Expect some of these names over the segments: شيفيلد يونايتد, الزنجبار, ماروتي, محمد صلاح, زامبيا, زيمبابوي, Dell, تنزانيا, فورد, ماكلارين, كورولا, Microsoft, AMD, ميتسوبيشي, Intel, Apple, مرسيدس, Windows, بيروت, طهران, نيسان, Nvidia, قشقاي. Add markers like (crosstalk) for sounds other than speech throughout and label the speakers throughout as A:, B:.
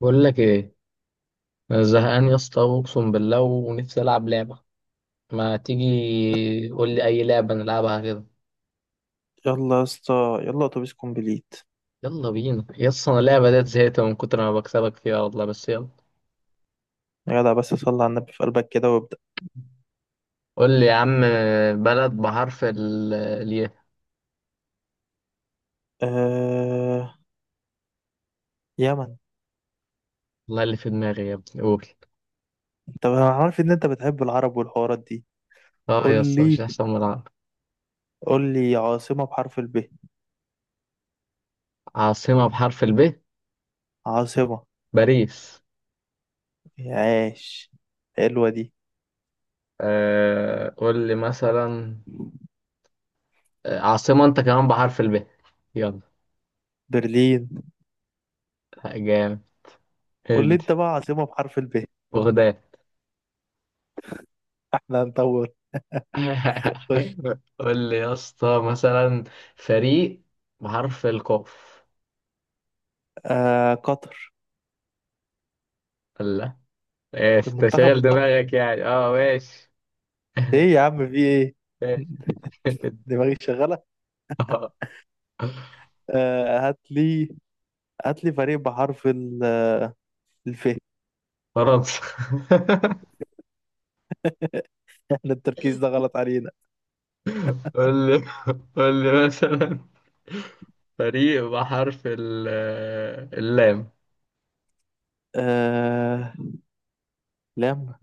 A: بقول لك ايه. انا زهقان يا اسطى، اقسم بالله ونفسي العب لعبه. ما تيجي قول لي اي لعبه نلعبها كده.
B: يلا يا اسطى. يلا اتوبيس كومبليت.
A: يلا بينا يا اسطى، انا اللعبه ديت زهقت من كتر ما بكسبك فيها والله، بس يلا.
B: يا جدع بس صلي على النبي في قلبك كده وابدأ.
A: قول لي يا عم، بلد بحرف الياء.
B: آه... يمن.
A: والله اللي في دماغي يا ابني قول.
B: انت انا عارف ان انت بتحب العرب والحوارات دي.
A: اه
B: قول
A: يا اسطى، مش
B: لي.
A: احسن من العب.
B: قول لي عاصمة بحرف الب.
A: عاصمه بحرف الب،
B: عاصمة.
A: باريس.
B: عاش، حلوة دي.
A: آه قول لي مثلا، عاصمه انت كمان بحرف الب، يلا.
B: برلين.
A: جامد،
B: قول لي
A: ادي.
B: انت بقى عاصمة بحرف الب.
A: بغداد.
B: احنا هندور.
A: (laughs)
B: خش.
A: قول لي يا اسطى مثلا، فريق بحرف القاف.
B: قطر.
A: لا، ايش
B: المنتخب
A: تشغل
B: القطري.
A: دماغك يعني، اه ماشي. (laughs)
B: ايه يا عم، في ايه؟ (laughs) دماغي شغالة.
A: آه،
B: هات لي. هات لي فريق بحرف الف.
A: فرنسا.
B: احنا التركيز ده غلط علينا.
A: (laughs) قول لي، قول لي مثلا، فريق بحرف اللام.
B: آه... لم،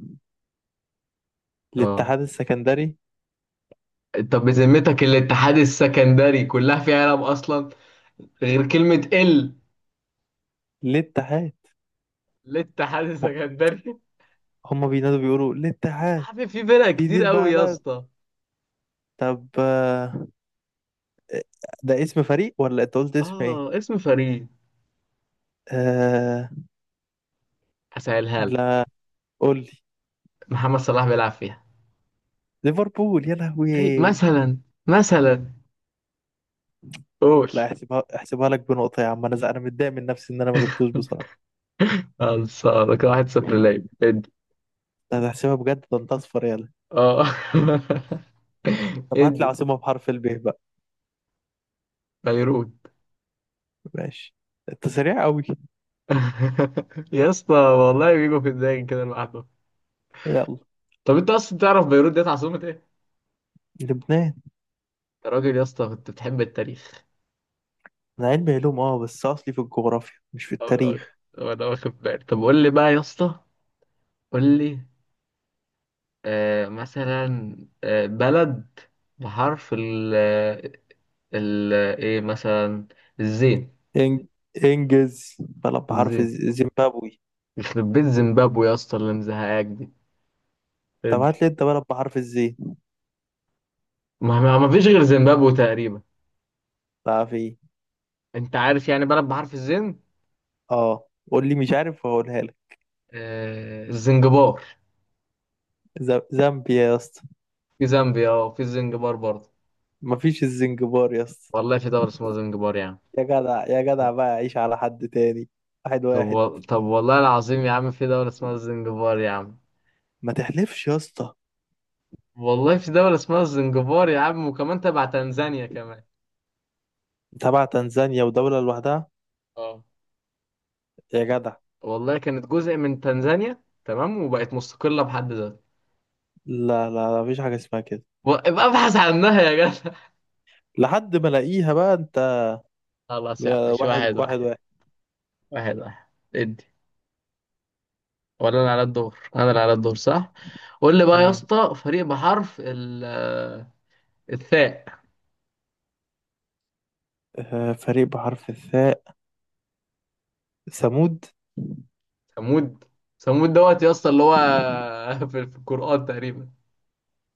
A: اه،
B: الاتحاد السكندري.
A: طب بذمتك الاتحاد السكندري كلها فيها لام اصلا، غير كلمة ال.
B: الاتحاد.
A: الاتحاد السكندري (laughs) يا
B: هم بينادوا بيقولوا الاتحاد.
A: عم، في فرق
B: دي
A: كتير قوي يا
B: البلد.
A: اسطى.
B: طب ده اسم فريق ولا انت قلت اسم ايه؟
A: اه، اسم فريق.
B: آه...
A: هسألها لك.
B: لا، قول لي.
A: محمد صلاح بيلعب فيها.
B: ليفربول يا
A: أي
B: لهوي.
A: مثلا، مثلا قول.
B: لا، احسبها احسبها لك بنقطة يا عم، انا انا متضايق من نفسي ان انا ما جبتوش بصراحة.
A: خلصانة كده، واحد صفر ليا، ادي.
B: لا، ده احسبها بجد، ده انت اصفر، يلا.
A: اه (laughs)
B: طب هات لي
A: ادي.
B: عاصمة بحرف الب بقى.
A: بيروت.
B: ماشي، انت سريع قوي.
A: (laughs) يا اسطى والله بيجوا في دماغي كده لوحده.
B: يلا.
A: طب انت اصلا تعرف بيروت ديت عاصمة ايه؟
B: لبنان.
A: يا راجل يا اسطى، كنت بتحب التاريخ.
B: انا علمي علوم، اه، بس اصلي في الجغرافيا مش في
A: طب انا،
B: التاريخ.
A: طب انا واخد بالي، طب قول لي بقى يا اسطى، قول لي آه مثلا، آه بلد بحرف ال، ال ايه مثلا، الزين.
B: إنج... انجز، بلد بحرف
A: ازاي،
B: زيمبابوي.
A: يخرب بيت زيمبابوي يا اسطى اللي مزهقاك دي.
B: طب
A: ادي.
B: هات لي انت بلد بحرف الزي.
A: ما فيش غير زيمبابوي تقريبا.
B: تعرف ايه؟
A: انت عارف يعني بلد بحرف الزين؟
B: اه قول لي، مش عارف، هقولها لك.
A: آه الزنجبار.
B: زامبيا يا اسطى.
A: في زامبيا، اه في الزنجبار برضه.
B: مفيش الزنجبار يا اسطى.
A: والله في دولة اسمها زنجبار يا عم.
B: يا جدع يا جدع بقى، عيش على حد تاني. واحد واحد.
A: طب والله العظيم يا عم، في دولة اسمها الزنجبار يا عم.
B: ما تحلفش يا اسطى.
A: والله في دولة اسمها الزنجبار يا عم، وكمان تبع تنزانيا كمان.
B: تبع تنزانيا ودولة لوحدها؟
A: اه،
B: يا جدع.
A: والله كانت جزء من تنزانيا تمام، وبقت مستقلة بحد ذاتها.
B: لا لا لا، مفيش حاجة اسمها كده.
A: ابقى ابحث عنها يا جدع.
B: لحد ما الاقيها بقى انت.
A: (laughs) خلاص يا عم،
B: يا
A: مش
B: واحد
A: واحد
B: واحد
A: واحد.
B: واحد.
A: واحد واحد، ادي. ولا انا على الدور؟ انا اللي على الدور صح. قول لي بقى يا
B: مم.
A: اسطى، فريق بحرف ال الثاء.
B: آه، فريق بحرف الثاء. ثمود.
A: ثمود. ثمود دوت يا اسطى، اللي هو (laughs) في في القرآن تقريبا.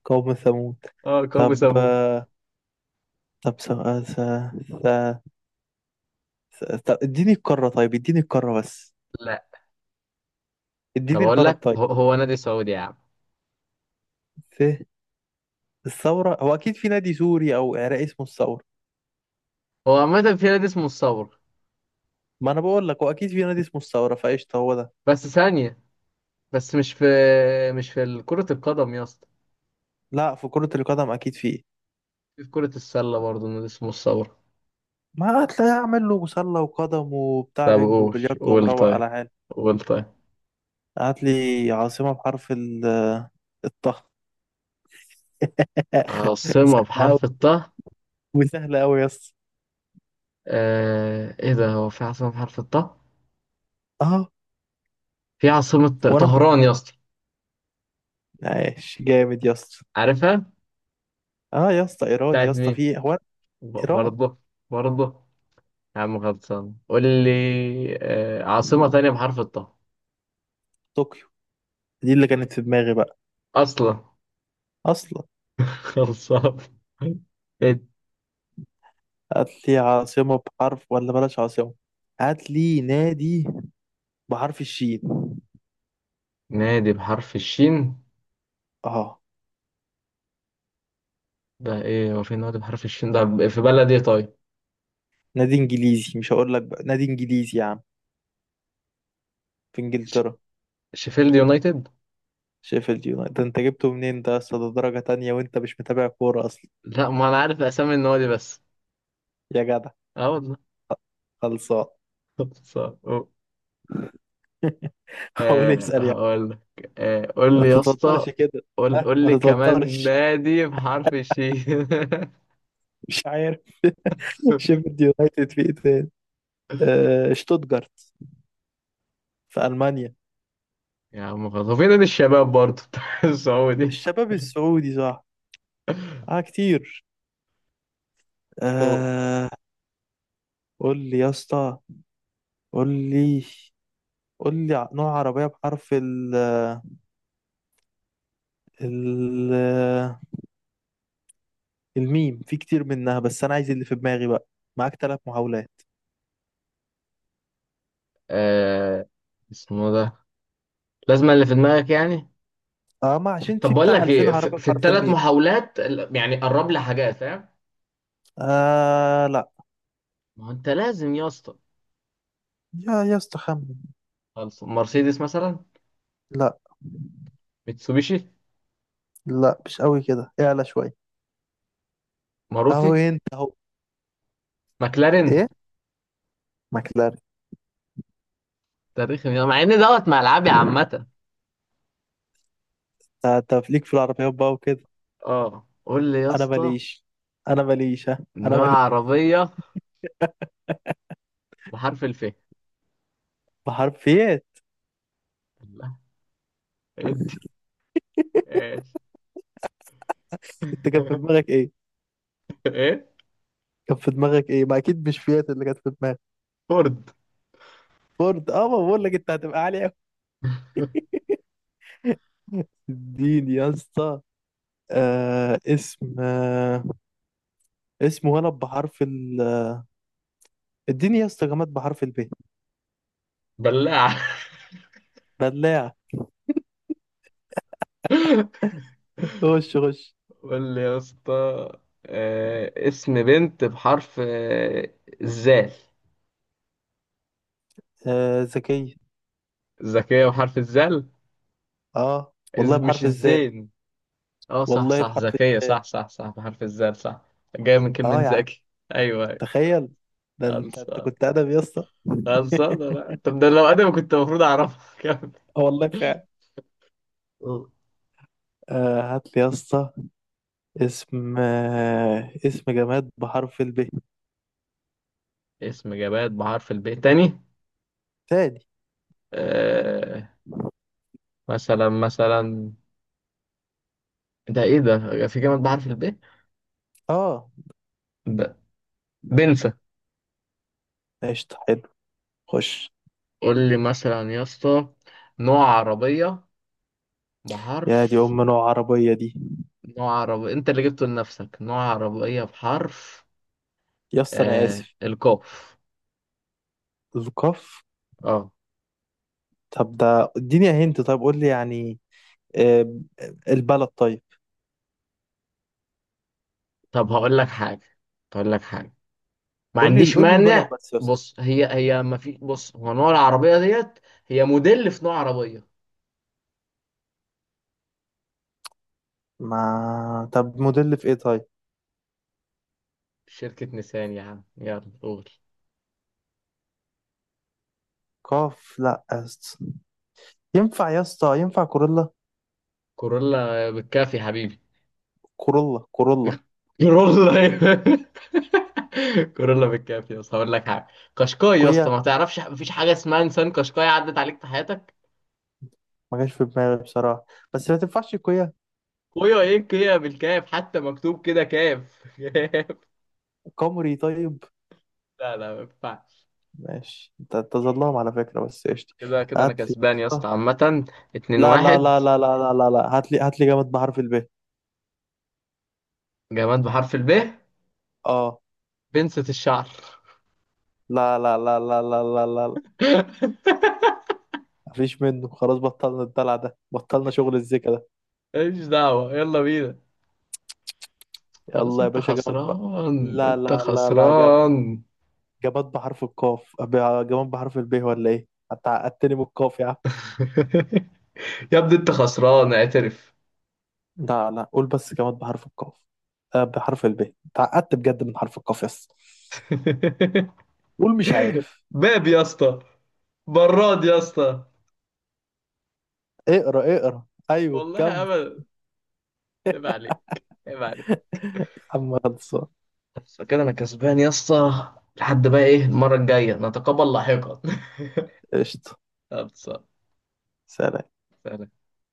B: قوم ثمود.
A: اه، قوم
B: طب
A: ثمود.
B: آه، طب س... س... طب اديني القارة، طيب اديني القارة بس.
A: لا طب
B: اديني
A: اقول
B: البلد
A: لك،
B: طيب.
A: هو نادي سعودي يا عم.
B: ف الثورة، هو أكيد في نادي سوري أو عراقي اسمه الثورة.
A: هو عامة في نادي اسمه الثور.
B: ما أنا بقول لك هو أكيد في نادي اسمه الثورة، فقشطة هو ده.
A: بس ثانية، بس مش في كرة القدم يا اسطى.
B: لا، في كرة القدم أكيد في.
A: في كرة السلة برضه نادي اسمه الثور.
B: ما هتلاقي أعمل له مسلة وقدم وبتاع
A: طب
B: بينج
A: قول،
B: وبلياردو
A: قول
B: ومروق
A: طيب،
B: على حالي.
A: قول طيب.
B: هات لي عاصمة بحرف الطه. (laughs)
A: عاصمة
B: سهلة أوي.
A: بحرف الطاء؟
B: وسهلة أوي يس.
A: آه ايه ده، هو في عاصمة بحرف الطاء؟
B: أه.
A: في عاصمة.
B: وأنا
A: طهران يا اسطى،
B: عايش جامد يا اسطى.
A: عارفها.
B: اه يا اسطى، ايران
A: بتاعت
B: يا اسطى،
A: مين؟
B: في هو. ايران.
A: برضه؟ برضه. يا عم خلصان، قول لي آه عاصمة تانية بحرف الطاء.
B: طوكيو. دي اللي كانت في دماغي بقى.
A: اصلا.
B: اصلا.
A: (laughs) خلصان. إيه؟
B: هات لي عاصمه بحرف، ولا بلاش عاصمه. هات لي نادي بحرف الشين.
A: نادي بحرف الشين.
B: اه،
A: ده ايه، هو في نادي بحرف الشين ده، في بلد ايه طيب؟
B: نادي انجليزي، مش هقول لك بقى، نادي انجليزي يا عم، في
A: ش-
B: انجلترا.
A: شيفيلد يونايتد.
B: شيفيلد يونايتد ده انت جبته منين ده اصلا؟ ده درجه تانية وانت مش متابع كوره اصلا.
A: لا، ما انا عارف اسامي النوادي بس.
B: يا جدع.
A: اه والله.
B: خلصان.
A: (laughs) خلصان.
B: (laughs) هقول
A: آه
B: اسال يعني.
A: هقول لك، آه قول
B: ما
A: لي يا اسطى،
B: تتوترش كده.
A: قول،
B: ها،
A: قول لي
B: ما
A: كمان
B: تتوترش،
A: نادي بحرف الشين. (laughs)
B: مش عارف. (laughs) شيفيلد يونايتد، في ايه تاني؟ آه، شتوتجارت، في ألمانيا.
A: يا عم خلاص، هو في نادي الشباب برضه بتاع (laughs) السعودي.
B: الشباب السعودي، صح. اه كتير.
A: هو-
B: آه قول لي يا اسطى. قول لي. قول لي نوع عربية بحرف ال الميم. في كتير منها بس أنا عايز اللي في دماغي بقى. معاك ثلاث محاولات.
A: آه اسمه ده، لازم اللي في دماغك يعني؟
B: اه، ما عشان
A: طب
B: في
A: بقول
B: بتاع
A: لك
B: 2000
A: ايه، في,
B: عربية
A: في
B: بحرف
A: الثلاث
B: الميم.
A: محاولات يعني قرب لي حاجات، فاهم؟
B: آه لا.
A: ما هو انت لازم يا اسطى.
B: يا اسطى خمن.
A: خلاص، مرسيدس مثلا.
B: لا
A: ميتسوبيشي.
B: لا، مش قوي كده، اعلى شوية.
A: ماروتي.
B: اهو انت اهو.
A: ماكلارين.
B: ايه، ماكلارين.
A: تاريخ مع ان دوت ملعبي عامه.
B: انت، أنت ليك في العربيات بقى وكده.
A: اه قول لي يا
B: انا
A: اسطى،
B: ماليش. انا ماليش، ها، انا
A: نوع
B: ماليش.
A: عربيه بحرف الف.
B: بحرف، فيات.
A: لا انت، ايش.
B: انت كان في
A: (laughs)
B: دماغك ايه؟
A: ايه؟
B: كان في دماغك ايه؟ ما اكيد مش فيات اللي كانت في دماغك.
A: فورد.
B: فورد، اه، ما بقول لك انت هتبقى عالي قوي. (laughs) اديني يا اسطى. آه اسم، آه اسم ولد بحرف ال، اديني يا اسطى جماد بحرف الب.
A: بلاعة.
B: بلاعة.
A: (laughs)
B: خش خش.
A: قول لي يا اسطى، اسم بنت بحرف الزال.
B: آه، ذكية.
A: ذكية بحرف الزال؟
B: اه والله
A: مش
B: بحرف الزاء.
A: الزين؟ اه صح
B: والله
A: صح،
B: بحرف
A: ذكية
B: الزاء.
A: صح صح صح، بحرف الزال صح. جاية من كلمة
B: اه يا عم.
A: ذكي. ايوه، أيوة.
B: تخيل. ده انت، انت
A: خلصان،
B: كنت ادبي يا اسطى.
A: خلصان. لا طب ده لو انا كنت المفروض اعرفها. (laughs) كمل
B: اه والله فعلا.
A: قول.
B: آه هات لي يا اسطى اسم، آه، اسم جماد بحرف الب
A: اسم جماد بحرف الب تاني.
B: تاني.
A: آه مثلا، مثلا، ده ايه ده، في جامد بحرف الب.
B: اه
A: ب... بنسى.
B: قشطة، حلو. خش.
A: قول لي مثلا يا اسطى، نوع عربية
B: يا دي
A: بحرف،
B: ام، نوع عربية دي.
A: نوع عربية انت اللي جبته لنفسك. نوع عربية بحرف
B: يا اسطى انا اسف.
A: القاف.
B: القاف.
A: اه
B: طب ده اديني هنت، طيب قول لي يعني، آه، البلد طيب.
A: طب هقول لك حاجة، هقول لك حاجة، ما
B: قول لي،
A: عنديش
B: قول لي البلد
A: مانع.
B: بس يا اسطى.
A: بص، هي ما في، بص، هو نوع العربية ديت، هي موديل في نوع عربية.
B: ما طب موديل في ايه طيب.
A: شركة نيسان يا عم، يلا قول.
B: قاف، لا يا اسطى. ينفع يا اسطى؟ ينفع كورولا؟
A: كورولا بالكافي يا حبيبي.
B: كورولا، كورولا،
A: كورولا. (laughs) كورولا بالكافي يا اسطى. هقول لك حاجه، قشقاي يا اسطى.
B: كويا.
A: ما تعرفش، مفيش حاجه اسمها انسان قشقاي عدت عليك في حياتك؟
B: ما جاش في دماغي بصراحة. بس ما تنفعش كويا.
A: ويا ايه، هي بالكاف، حتى مكتوب كده كاف. (laughs) كاف.
B: كامري طيب.
A: لا لا، ما ينفعش.
B: ماشي، انت تظلم على فكرة بس قشطة.
A: كده انا
B: هات لي.
A: كسبان يا اسطى عامه، 2
B: لا لا
A: 1.
B: لا لا لا لا لا لا، هات لي، هات لي جامد بحرف الب.
A: جماد بحرف الب،
B: اه.
A: بنسة الشعر.
B: لا لا لا لا لا لا لا لا.
A: (laughs)
B: مفيش منه، خلاص بطلنا الدلع ده، بطلنا شغل الزيكا ده.
A: ماليش دعوه، يلا بينا. خلاص
B: يلا يا
A: انت
B: باشا جامد بقى.
A: خسران،
B: لا
A: انت
B: لا لا لا،
A: خسران.
B: جماد بحرف القاف، جماد بحرف الب ولا ايه؟ انت عقدتني من القاف يا عم.
A: (laughs) يا ابني انت خسران، اعترف.
B: لا لا، قول بس، جماد بحرف القاف، آه، بحرف الب. انت عقدت بجد من حرف القاف يس.
A: (laughs)
B: قول مش عارف.
A: باب يا اسطى، براد يا اسطى.
B: اقرا اقرا. ايوه
A: والله
B: كمل.
A: ابدا، عيب عليك، عيب عليك.
B: (laughs) عم خلصان.
A: بس كده انا كسبان يا اسطى. لحد بقى ايه، المره الجايه نتقابل لاحقا. (laughs)
B: قشطة.
A: خلصة.
B: سلام.
A: سلام.